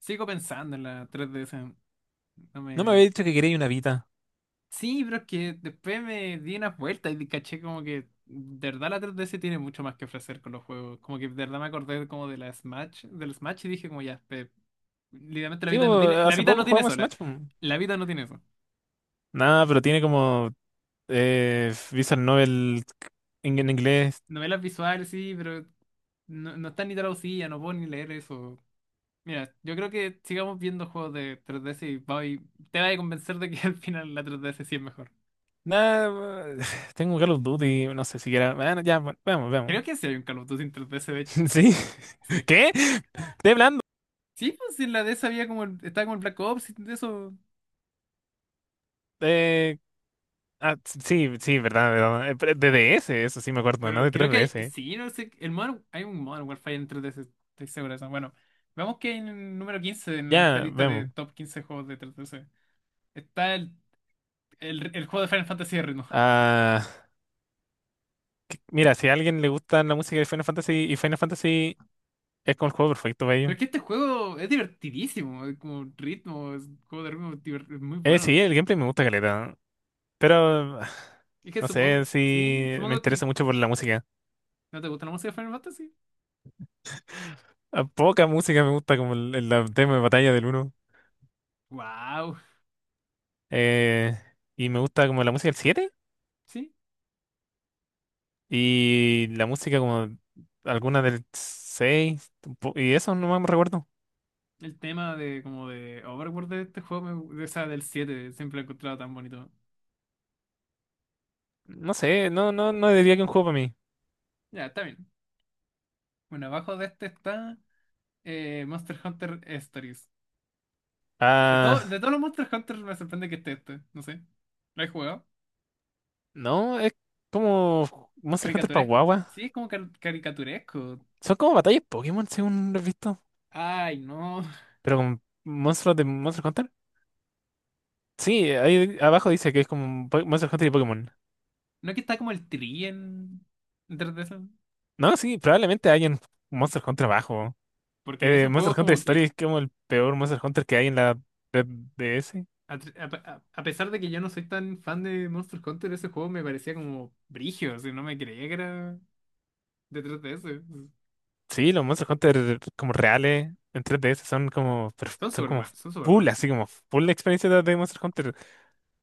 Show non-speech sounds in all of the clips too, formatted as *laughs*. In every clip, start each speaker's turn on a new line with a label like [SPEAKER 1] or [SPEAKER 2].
[SPEAKER 1] Sigo pensando en la 3DS. No
[SPEAKER 2] No me
[SPEAKER 1] me.
[SPEAKER 2] había dicho que quería una Vita.
[SPEAKER 1] Sí, pero es que después me di unas vueltas y caché como que de verdad la 3DS tiene mucho más que ofrecer con los juegos. Como que de verdad me acordé como del Smash y dije como ya, literalmente la vida no
[SPEAKER 2] Digo,
[SPEAKER 1] tiene, la
[SPEAKER 2] hace
[SPEAKER 1] vida
[SPEAKER 2] poco
[SPEAKER 1] no tiene
[SPEAKER 2] jugamos
[SPEAKER 1] sola.
[SPEAKER 2] Smash po.
[SPEAKER 1] La vida no tiene eso.
[SPEAKER 2] Nada, pero tiene como Visual Novel en inglés.
[SPEAKER 1] Novelas visuales, sí, pero no, no está ni traducida, no puedo ni leer eso. Mira, yo creo que sigamos viendo juegos de 3DS y, voy te vas a convencer de que *laughs* al final la 3DS sí es mejor.
[SPEAKER 2] Nada, *sighs* tengo Call of Duty, no sé siquiera. Bueno, ya, bueno, veamos,
[SPEAKER 1] Creo
[SPEAKER 2] veamos.
[SPEAKER 1] que sí hay un Call of Duty en 3DS, de
[SPEAKER 2] *laughs*
[SPEAKER 1] hecho.
[SPEAKER 2] ¿Sí?
[SPEAKER 1] Sí.
[SPEAKER 2] *laughs* ¿Qué? Estoy hablando.
[SPEAKER 1] Sí, pues en la de esa había como, estaba como el Black Ops y de eso.
[SPEAKER 2] Eh, sí, sí, verdad, verdad. Pero De DS, eso sí me acuerdo, ¿no?
[SPEAKER 1] Pero
[SPEAKER 2] De
[SPEAKER 1] creo que hay,
[SPEAKER 2] 3DS.
[SPEAKER 1] sí, no sé, hay un Modern Warfare entre de ese, estoy seguro de eso. Bueno, vamos que en el número 15 en esta
[SPEAKER 2] Ya,
[SPEAKER 1] lista de
[SPEAKER 2] vemos.
[SPEAKER 1] top 15 juegos de 3DS está el juego de Final Fantasy de ritmo.
[SPEAKER 2] Ah, Mira, si a alguien le gusta la música de Final Fantasy y Final Fantasy es como el juego perfecto para
[SPEAKER 1] Pero
[SPEAKER 2] ello.
[SPEAKER 1] es que este juego es divertidísimo, es como ritmo, es un juego de ritmo es muy bueno.
[SPEAKER 2] Sí, el gameplay me gusta caleta. Pero
[SPEAKER 1] Es
[SPEAKER 2] *sighs*
[SPEAKER 1] que
[SPEAKER 2] no sé
[SPEAKER 1] supongo,
[SPEAKER 2] si
[SPEAKER 1] sí,
[SPEAKER 2] me
[SPEAKER 1] supongo
[SPEAKER 2] interesa
[SPEAKER 1] que
[SPEAKER 2] mucho por la música.
[SPEAKER 1] no te gusta la música de Final Fantasy.
[SPEAKER 2] A poca música me gusta como el tema de batalla del uno.
[SPEAKER 1] Wow,
[SPEAKER 2] Eh, y me gusta como la música del 7
[SPEAKER 1] sí.
[SPEAKER 2] y la música como alguna del 6 Y eso no me recuerdo.
[SPEAKER 1] El tema de como de Overwatch de este juego, de esa del 7 siempre lo he encontrado tan bonito.
[SPEAKER 2] No sé, no, no, no diría que un juego para mí.
[SPEAKER 1] Ya, está bien. Bueno, abajo de este está Monster Hunter Stories. De, todo,
[SPEAKER 2] Ah,
[SPEAKER 1] de todos los Monster Hunter me sorprende que esté este, no sé. ¿Lo he jugado?
[SPEAKER 2] no, es como Monster Hunter para
[SPEAKER 1] Caricaturesco. Sí,
[SPEAKER 2] guagua.
[SPEAKER 1] es como caricaturesco.
[SPEAKER 2] Son como batallas Pokémon, según lo he visto.
[SPEAKER 1] Ay, no. *laughs*
[SPEAKER 2] Pero con monstruos de Monster Hunter. Sí, ahí abajo dice que es como un Monster Hunter y Pokémon.
[SPEAKER 1] No que está como el tri en. Detrás de eso.
[SPEAKER 2] No, sí, probablemente hay en Monster Hunter abajo.
[SPEAKER 1] Porque ese juego
[SPEAKER 2] Monster
[SPEAKER 1] es
[SPEAKER 2] Hunter
[SPEAKER 1] como que,
[SPEAKER 2] Story es como el peor Monster Hunter que hay en la red D S.
[SPEAKER 1] a pesar de que yo no soy tan fan de Monster Hunter, ese juego me parecía como brigio, o sea, no me creía que era. Detrás de ese.
[SPEAKER 2] Sí, los Monster Hunter como reales en 3DS son como, son como
[SPEAKER 1] Son súper
[SPEAKER 2] full,
[SPEAKER 1] buenos, sí.
[SPEAKER 2] así como full experiencia de Monster Hunter.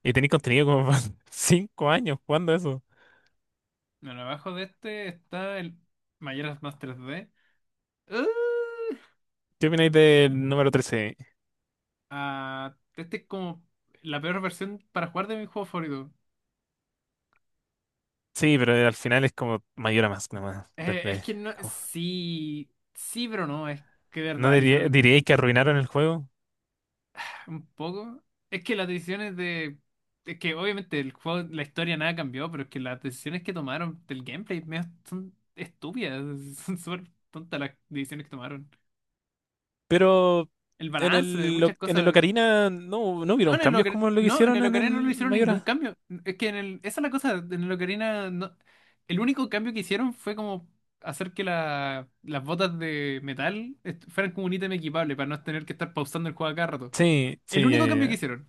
[SPEAKER 2] Y tenéis contenido como para *laughs* 5 años jugando eso.
[SPEAKER 1] Bueno, abajo de este está el Majora's Mask 3D. ¡Ah!
[SPEAKER 2] ¿Qué opináis del número trece?
[SPEAKER 1] Ah, este es como la peor versión para jugar de mi juego favorito.
[SPEAKER 2] Sí, pero al final es como Mayor a más nomás.
[SPEAKER 1] Es
[SPEAKER 2] 3D.
[SPEAKER 1] que no,
[SPEAKER 2] como-
[SPEAKER 1] sí, sí, pero no, es que de
[SPEAKER 2] ¿No
[SPEAKER 1] verdad le
[SPEAKER 2] diría-
[SPEAKER 1] hicieron
[SPEAKER 2] Diríais que arruinaron el juego?
[SPEAKER 1] un poco. Es que las decisiones de. Es que obviamente el juego, la historia nada cambió, pero es que las decisiones que tomaron del gameplay medio son estúpidas, *laughs* son súper tontas las decisiones que tomaron.
[SPEAKER 2] Pero
[SPEAKER 1] El
[SPEAKER 2] en
[SPEAKER 1] balance de
[SPEAKER 2] el,
[SPEAKER 1] muchas
[SPEAKER 2] En el
[SPEAKER 1] cosas.
[SPEAKER 2] Ocarina no, no
[SPEAKER 1] No,
[SPEAKER 2] hubieron
[SPEAKER 1] en el
[SPEAKER 2] cambios como lo que
[SPEAKER 1] En
[SPEAKER 2] hicieron
[SPEAKER 1] el
[SPEAKER 2] en
[SPEAKER 1] Ocarina no le
[SPEAKER 2] el
[SPEAKER 1] hicieron ningún
[SPEAKER 2] Mayora.
[SPEAKER 1] cambio. Es que en el, esa es la cosa, en el Ocarina. El único cambio que hicieron fue como hacer que las botas de metal fueran como un ítem equipable para no tener que estar pausando el juego a cada rato.
[SPEAKER 2] Sí,
[SPEAKER 1] El
[SPEAKER 2] sí, ya,
[SPEAKER 1] único
[SPEAKER 2] ya,
[SPEAKER 1] cambio que
[SPEAKER 2] ya.
[SPEAKER 1] hicieron.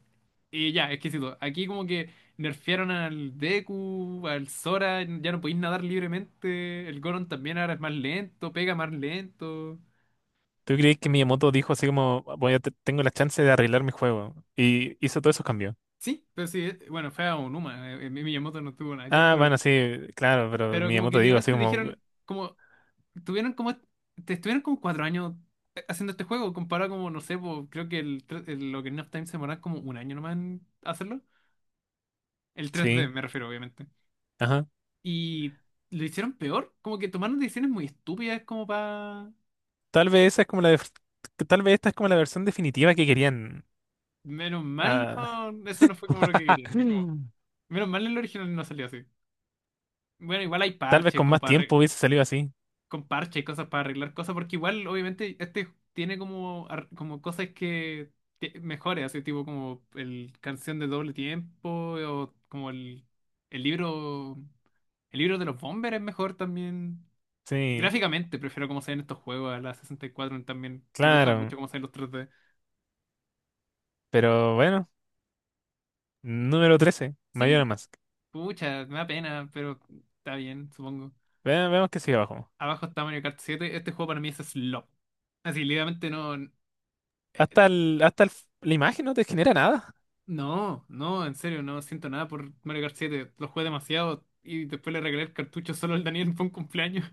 [SPEAKER 1] Y ya, exquisito. Aquí como que nerfearon al Deku, al Sora, ya no podéis nadar libremente. El Goron también ahora es más lento, pega más lento.
[SPEAKER 2] ¿Tú crees que Miyamoto dijo así como, voy a tengo la chance de arreglar mi juego? Y hizo todos esos cambios.
[SPEAKER 1] Sí, pero sí, bueno, fue a Onuma. Miyamoto no tuvo nada que ver,
[SPEAKER 2] Ah,
[SPEAKER 1] pero.
[SPEAKER 2] bueno, sí, claro, pero
[SPEAKER 1] Pero como que
[SPEAKER 2] Miyamoto dijo así
[SPEAKER 1] literalmente
[SPEAKER 2] como,
[SPEAKER 1] dijeron, como, tuvieron como, te estuvieron como 4 años haciendo este juego, comparado como, no sé, po, creo que el Ocarina of Time se demoraron como un año nomás en hacerlo. El tres d
[SPEAKER 2] sí,
[SPEAKER 1] me refiero, obviamente.
[SPEAKER 2] ajá.
[SPEAKER 1] Y lo hicieron peor, como que tomaron decisiones muy estúpidas como para.
[SPEAKER 2] Tal vez esa es como la, tal vez esta es como la versión definitiva que querían.
[SPEAKER 1] Menos mal,
[SPEAKER 2] Ah,
[SPEAKER 1] no, eso no fue como lo que
[SPEAKER 2] *clears throat*
[SPEAKER 1] querían.
[SPEAKER 2] Mm.
[SPEAKER 1] Menos mal el original no salió así. Bueno, igual hay
[SPEAKER 2] Tal vez
[SPEAKER 1] parches
[SPEAKER 2] con
[SPEAKER 1] como
[SPEAKER 2] más
[SPEAKER 1] para
[SPEAKER 2] tiempo hubiese salido así.
[SPEAKER 1] con parches y cosas para arreglar cosas, porque igual, obviamente, este tiene como, como cosas que mejores, así tipo como el canción de doble tiempo, o como el libro, el libro de los Bombers es mejor también.
[SPEAKER 2] Sí,
[SPEAKER 1] Gráficamente, prefiero cómo se ven estos juegos a la 64 también. Me gusta
[SPEAKER 2] claro,
[SPEAKER 1] mucho cómo se ven los 3D.
[SPEAKER 2] pero bueno, número 13
[SPEAKER 1] Sí,
[SPEAKER 2] Mayora Mask.
[SPEAKER 1] pucha, me da pena, pero está bien, supongo.
[SPEAKER 2] Vemos que sigue abajo.
[SPEAKER 1] Abajo está Mario Kart 7. Este juego para mí es slop. Así, literalmente no.
[SPEAKER 2] Hasta el la imagen no te genera nada.
[SPEAKER 1] No, no, en serio, no siento nada por Mario Kart 7. Lo jugué demasiado y después le regalé el cartucho solo al Daniel por un cumpleaños.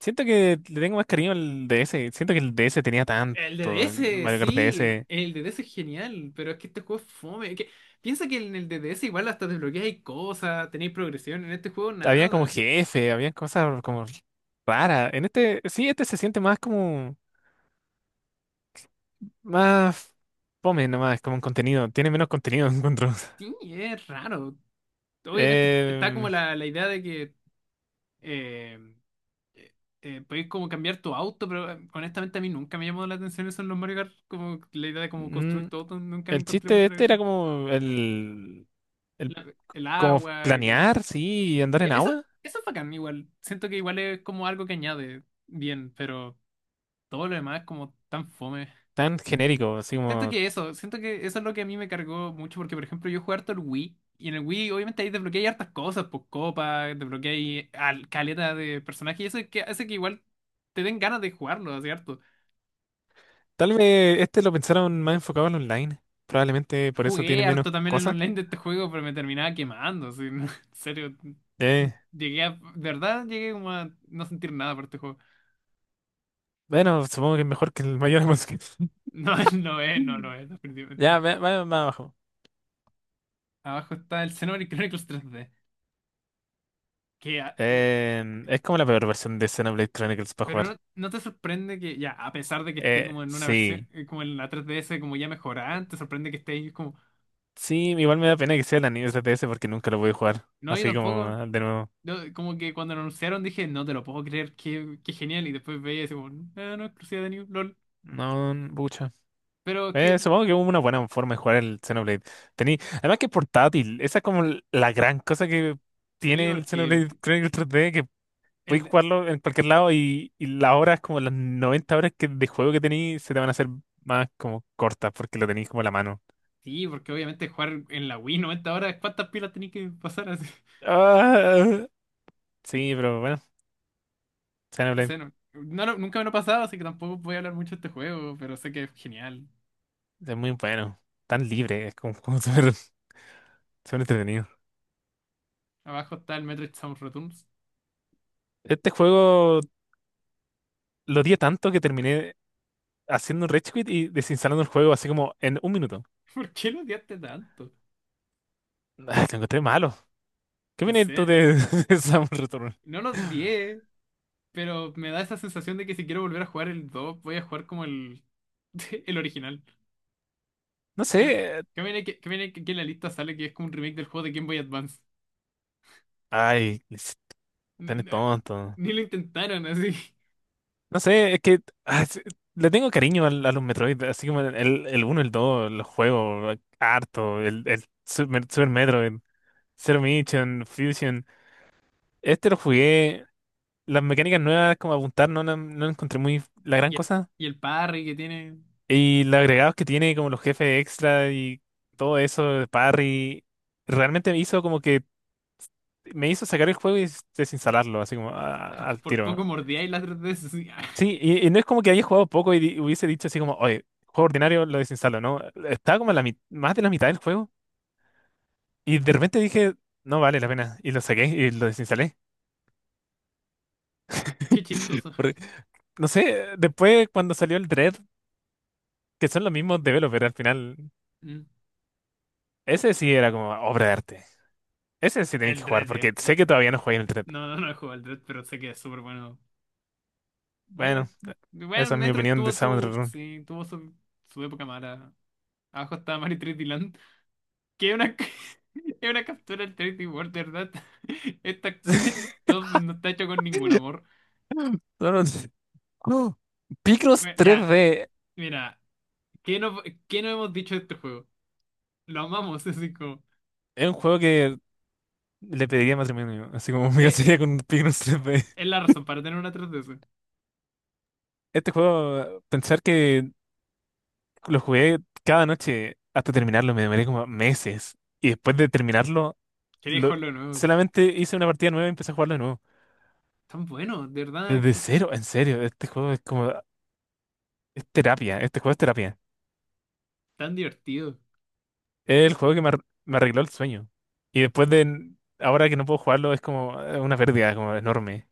[SPEAKER 2] Siento que le tengo más cariño al DS. Siento que el DS tenía
[SPEAKER 1] El
[SPEAKER 2] tanto. El
[SPEAKER 1] DDS,
[SPEAKER 2] Mario Kart
[SPEAKER 1] sí,
[SPEAKER 2] DS.
[SPEAKER 1] el DDS es genial, pero es que este juego es fome. Es que, piensa que en el DDS igual hasta desbloqueáis cosas, tenéis progresión, en este juego
[SPEAKER 2] Había como
[SPEAKER 1] nada.
[SPEAKER 2] jefe, había cosas como raras. En este, sí, este se siente más como. Más fome nomás, como un contenido. Tiene menos contenido, *laughs* encuentro.
[SPEAKER 1] Sí, es raro. Obviamente está como
[SPEAKER 2] Eh,
[SPEAKER 1] la idea de que eh, eh, podéis como cambiar tu auto, pero honestamente a mí nunca me llamó la atención eso en los Mario Kart. Como la idea de como
[SPEAKER 2] mm,
[SPEAKER 1] construir tu auto, nunca le
[SPEAKER 2] el
[SPEAKER 1] encontré
[SPEAKER 2] chiste de
[SPEAKER 1] mucho la
[SPEAKER 2] este
[SPEAKER 1] gracia.
[SPEAKER 2] era como el
[SPEAKER 1] El
[SPEAKER 2] como
[SPEAKER 1] agua, como.
[SPEAKER 2] planear,
[SPEAKER 1] y-
[SPEAKER 2] sí, y andar
[SPEAKER 1] Ya,
[SPEAKER 2] en
[SPEAKER 1] eso,
[SPEAKER 2] agua.
[SPEAKER 1] eso es bacán igual. Siento que igual es como algo que añade bien, pero todo lo demás es como tan fome.
[SPEAKER 2] Tan genérico, así
[SPEAKER 1] Siento
[SPEAKER 2] como.
[SPEAKER 1] que eso, siento que eso es lo que a mí me cargó mucho, porque por ejemplo yo jugué harto el Wii, y en el Wii obviamente ahí desbloqueé hartas cosas, pues copas, desbloqueé caleta de personajes, y eso es que hace que igual te den ganas de jugarlo, así harto.
[SPEAKER 2] Tal vez este lo pensaron más enfocado al online. Probablemente por eso tiene
[SPEAKER 1] Jugué
[SPEAKER 2] menos
[SPEAKER 1] harto también el
[SPEAKER 2] cosas.
[SPEAKER 1] online de este juego, pero me terminaba quemando, así, *laughs* en serio.
[SPEAKER 2] Eh,
[SPEAKER 1] De verdad llegué como a no sentir nada por este juego.
[SPEAKER 2] bueno, supongo que es mejor que el mayor.
[SPEAKER 1] No, *laughs* no es, no, no es,
[SPEAKER 2] *laughs*
[SPEAKER 1] definitivamente.
[SPEAKER 2] Ya, vaya más abajo.
[SPEAKER 1] Abajo está el Xenoblade Chronicles 3D. Que, a- de-.
[SPEAKER 2] Eh, es como la peor versión de Xenoblade Chronicles para
[SPEAKER 1] Pero
[SPEAKER 2] jugar.
[SPEAKER 1] no, no te sorprende que, ya, a pesar de que esté como en una versión,
[SPEAKER 2] Sí.
[SPEAKER 1] como en la 3DS, como ya mejorada, te sorprende que esté ahí como.
[SPEAKER 2] Sí, igual me da pena que sea el anime TTS porque nunca lo voy a jugar.
[SPEAKER 1] No, yo
[SPEAKER 2] Así como
[SPEAKER 1] tampoco.
[SPEAKER 2] ah, de nuevo.
[SPEAKER 1] Yo como que cuando lo anunciaron dije, no te lo puedo creer, qué genial. Y después veía y decía, como, no, no, exclusiva de New, LOL.
[SPEAKER 2] No, pucha.
[SPEAKER 1] Pero que,
[SPEAKER 2] Supongo que hubo una buena forma de jugar el Xenoblade. Tení, además que es portátil. Esa es como la gran cosa que
[SPEAKER 1] sí,
[SPEAKER 2] tiene el
[SPEAKER 1] porque.
[SPEAKER 2] Xenoblade Chronicles 3D. Podéis
[SPEAKER 1] El,
[SPEAKER 2] jugarlo en cualquier lado y las horas, como las 90 horas que, de juego que tenéis, se te van a hacer más como cortas porque lo tenéis como en la mano.
[SPEAKER 1] sí, porque obviamente jugar en la Wii 90 horas, ¿cuántas pilas tenés que pasar?
[SPEAKER 2] Ah, sí, pero bueno, Xenoblade
[SPEAKER 1] Ese nunca me lo he pasado, así que tampoco voy a hablar mucho de este juego, pero sé que es genial.
[SPEAKER 2] es muy bueno. Tan libre, es como, como *laughs* súper súper entretenido.
[SPEAKER 1] Abajo está el Metroid Samus Returns.
[SPEAKER 2] Este juego lo odié tanto que terminé haciendo un rage quit y desinstalando el juego así como en un minuto. *laughs*
[SPEAKER 1] *laughs* ¿Por qué lo odiaste tanto?
[SPEAKER 2] Ah, lo encontré malo. ¿Qué
[SPEAKER 1] No
[SPEAKER 2] viene tú
[SPEAKER 1] sé,
[SPEAKER 2] de, *laughs* de Samus Return?
[SPEAKER 1] no lo odié, pero me da esa sensación de que si quiero volver a jugar el 2 voy a jugar como el, *laughs* el original.
[SPEAKER 2] No
[SPEAKER 1] Que,
[SPEAKER 2] sé.
[SPEAKER 1] que viene, que viene que en la lista sale que es como un remake del juego de Game Boy Advance.
[SPEAKER 2] Ay, es
[SPEAKER 1] N-
[SPEAKER 2] tan
[SPEAKER 1] n-
[SPEAKER 2] tonto.
[SPEAKER 1] Ni, lo intentaron así. *laughs*
[SPEAKER 2] No sé, es que ah, es- le tengo cariño a los Metroid, así como el uno el 2 los juegos, harto, el Super Metroid, Zero Mission, Fusion. Este lo jugué, las mecánicas nuevas como apuntar no, no, la encontré muy la gran
[SPEAKER 1] Y el,
[SPEAKER 2] cosa.
[SPEAKER 1] y el parry que tiene,
[SPEAKER 2] Y los agregados que tiene, como los jefes extra y todo eso, de parry, realmente me hizo como que me hizo sacar el juego y desinstalarlo, así como ah, al
[SPEAKER 1] por
[SPEAKER 2] tiro.
[SPEAKER 1] poco mordía y la 3DS así.
[SPEAKER 2] Sí,
[SPEAKER 1] *laughs*
[SPEAKER 2] y no es como que haya jugado poco y hubiese dicho así como, oye, juego ordinario, lo desinstalo, ¿no? Estaba como a la más de la mitad del juego y de repente dije, no vale la pena, y lo saqué y lo desinstalé.
[SPEAKER 1] Qué
[SPEAKER 2] *laughs*
[SPEAKER 1] chistoso.
[SPEAKER 2] Porque, no sé, después cuando salió el Dread, que son los mismos developers al final,
[SPEAKER 1] Mm.
[SPEAKER 2] ese sí era como obra de arte. Ese sí tenéis que
[SPEAKER 1] El
[SPEAKER 2] jugar
[SPEAKER 1] Dread.
[SPEAKER 2] porque sé que todavía no jugué el Dread.
[SPEAKER 1] No, no, no he jugado el Dread, pero sé que es súper bueno.
[SPEAKER 2] Bueno,
[SPEAKER 1] Bueno, bueno,
[SPEAKER 2] esa es mi
[SPEAKER 1] Metroid
[SPEAKER 2] opinión de
[SPEAKER 1] tuvo
[SPEAKER 2] Sound
[SPEAKER 1] su.
[SPEAKER 2] Run.
[SPEAKER 1] Sí, tuvo su época mala. Abajo está Mario 3D Land. Que es una, *laughs* es una captura del 3D World, ¿de verdad? *laughs* Esta,
[SPEAKER 2] *laughs*
[SPEAKER 1] esto no está hecho con ningún amor.
[SPEAKER 2] No, no, no. Picross
[SPEAKER 1] Bueno, ya,
[SPEAKER 2] 3D
[SPEAKER 1] mira. ¿Qué no, qué no hemos dicho de este juego? Lo amamos, *laughs* así como.
[SPEAKER 2] es un juego que le pediría matrimonio, así como *laughs* me
[SPEAKER 1] eh, eh,
[SPEAKER 2] casaría con un pigno.
[SPEAKER 1] es la razón para tener una 3DS.
[SPEAKER 2] Este juego, pensar que lo jugué cada noche hasta terminarlo, me demoré como meses. Y después de terminarlo,
[SPEAKER 1] Quería
[SPEAKER 2] lo-
[SPEAKER 1] jugarlo de nuevo. *laughs* Así.
[SPEAKER 2] solamente hice una partida nueva y empecé a jugarlo de nuevo.
[SPEAKER 1] Tan bueno, de verdad,
[SPEAKER 2] Desde cero, en serio, este juego es como, es terapia, este juego es terapia.
[SPEAKER 1] tan divertido.
[SPEAKER 2] Es el juego que me, me arregló el sueño. Y después de, ahora que no puedo jugarlo, es como una pérdida como enorme.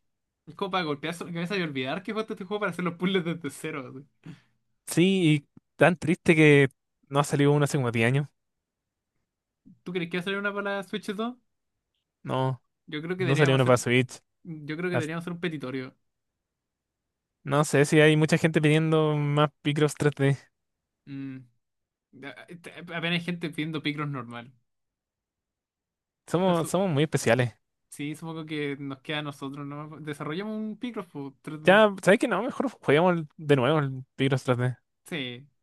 [SPEAKER 1] Es como para golpearse la cabeza y olvidar que jugaste este juego para hacer los puzzles desde cero. Así.
[SPEAKER 2] Sí, y tan triste que no ha salido uno hace como 10 años.
[SPEAKER 1] ¿Tú crees que va a salir una para la Switch 2?
[SPEAKER 2] No,
[SPEAKER 1] Yo creo que
[SPEAKER 2] no salió
[SPEAKER 1] deberíamos
[SPEAKER 2] uno para
[SPEAKER 1] hacer,
[SPEAKER 2] Switch.
[SPEAKER 1] yo creo que deberíamos hacer un petitorio.
[SPEAKER 2] No sé si hay mucha gente pidiendo más Picross 3D.
[SPEAKER 1] Mm. A- a- Apenas hay gente pidiendo Picross normal. Pero
[SPEAKER 2] Somos, somos muy especiales.
[SPEAKER 1] sí, supongo que nos queda a nosotros, ¿no? Desarrollamos un Picross por 3D.
[SPEAKER 2] Ya, ¿sabes qué? No, mejor juguemos de nuevo el Picross 3D.
[SPEAKER 1] Sí.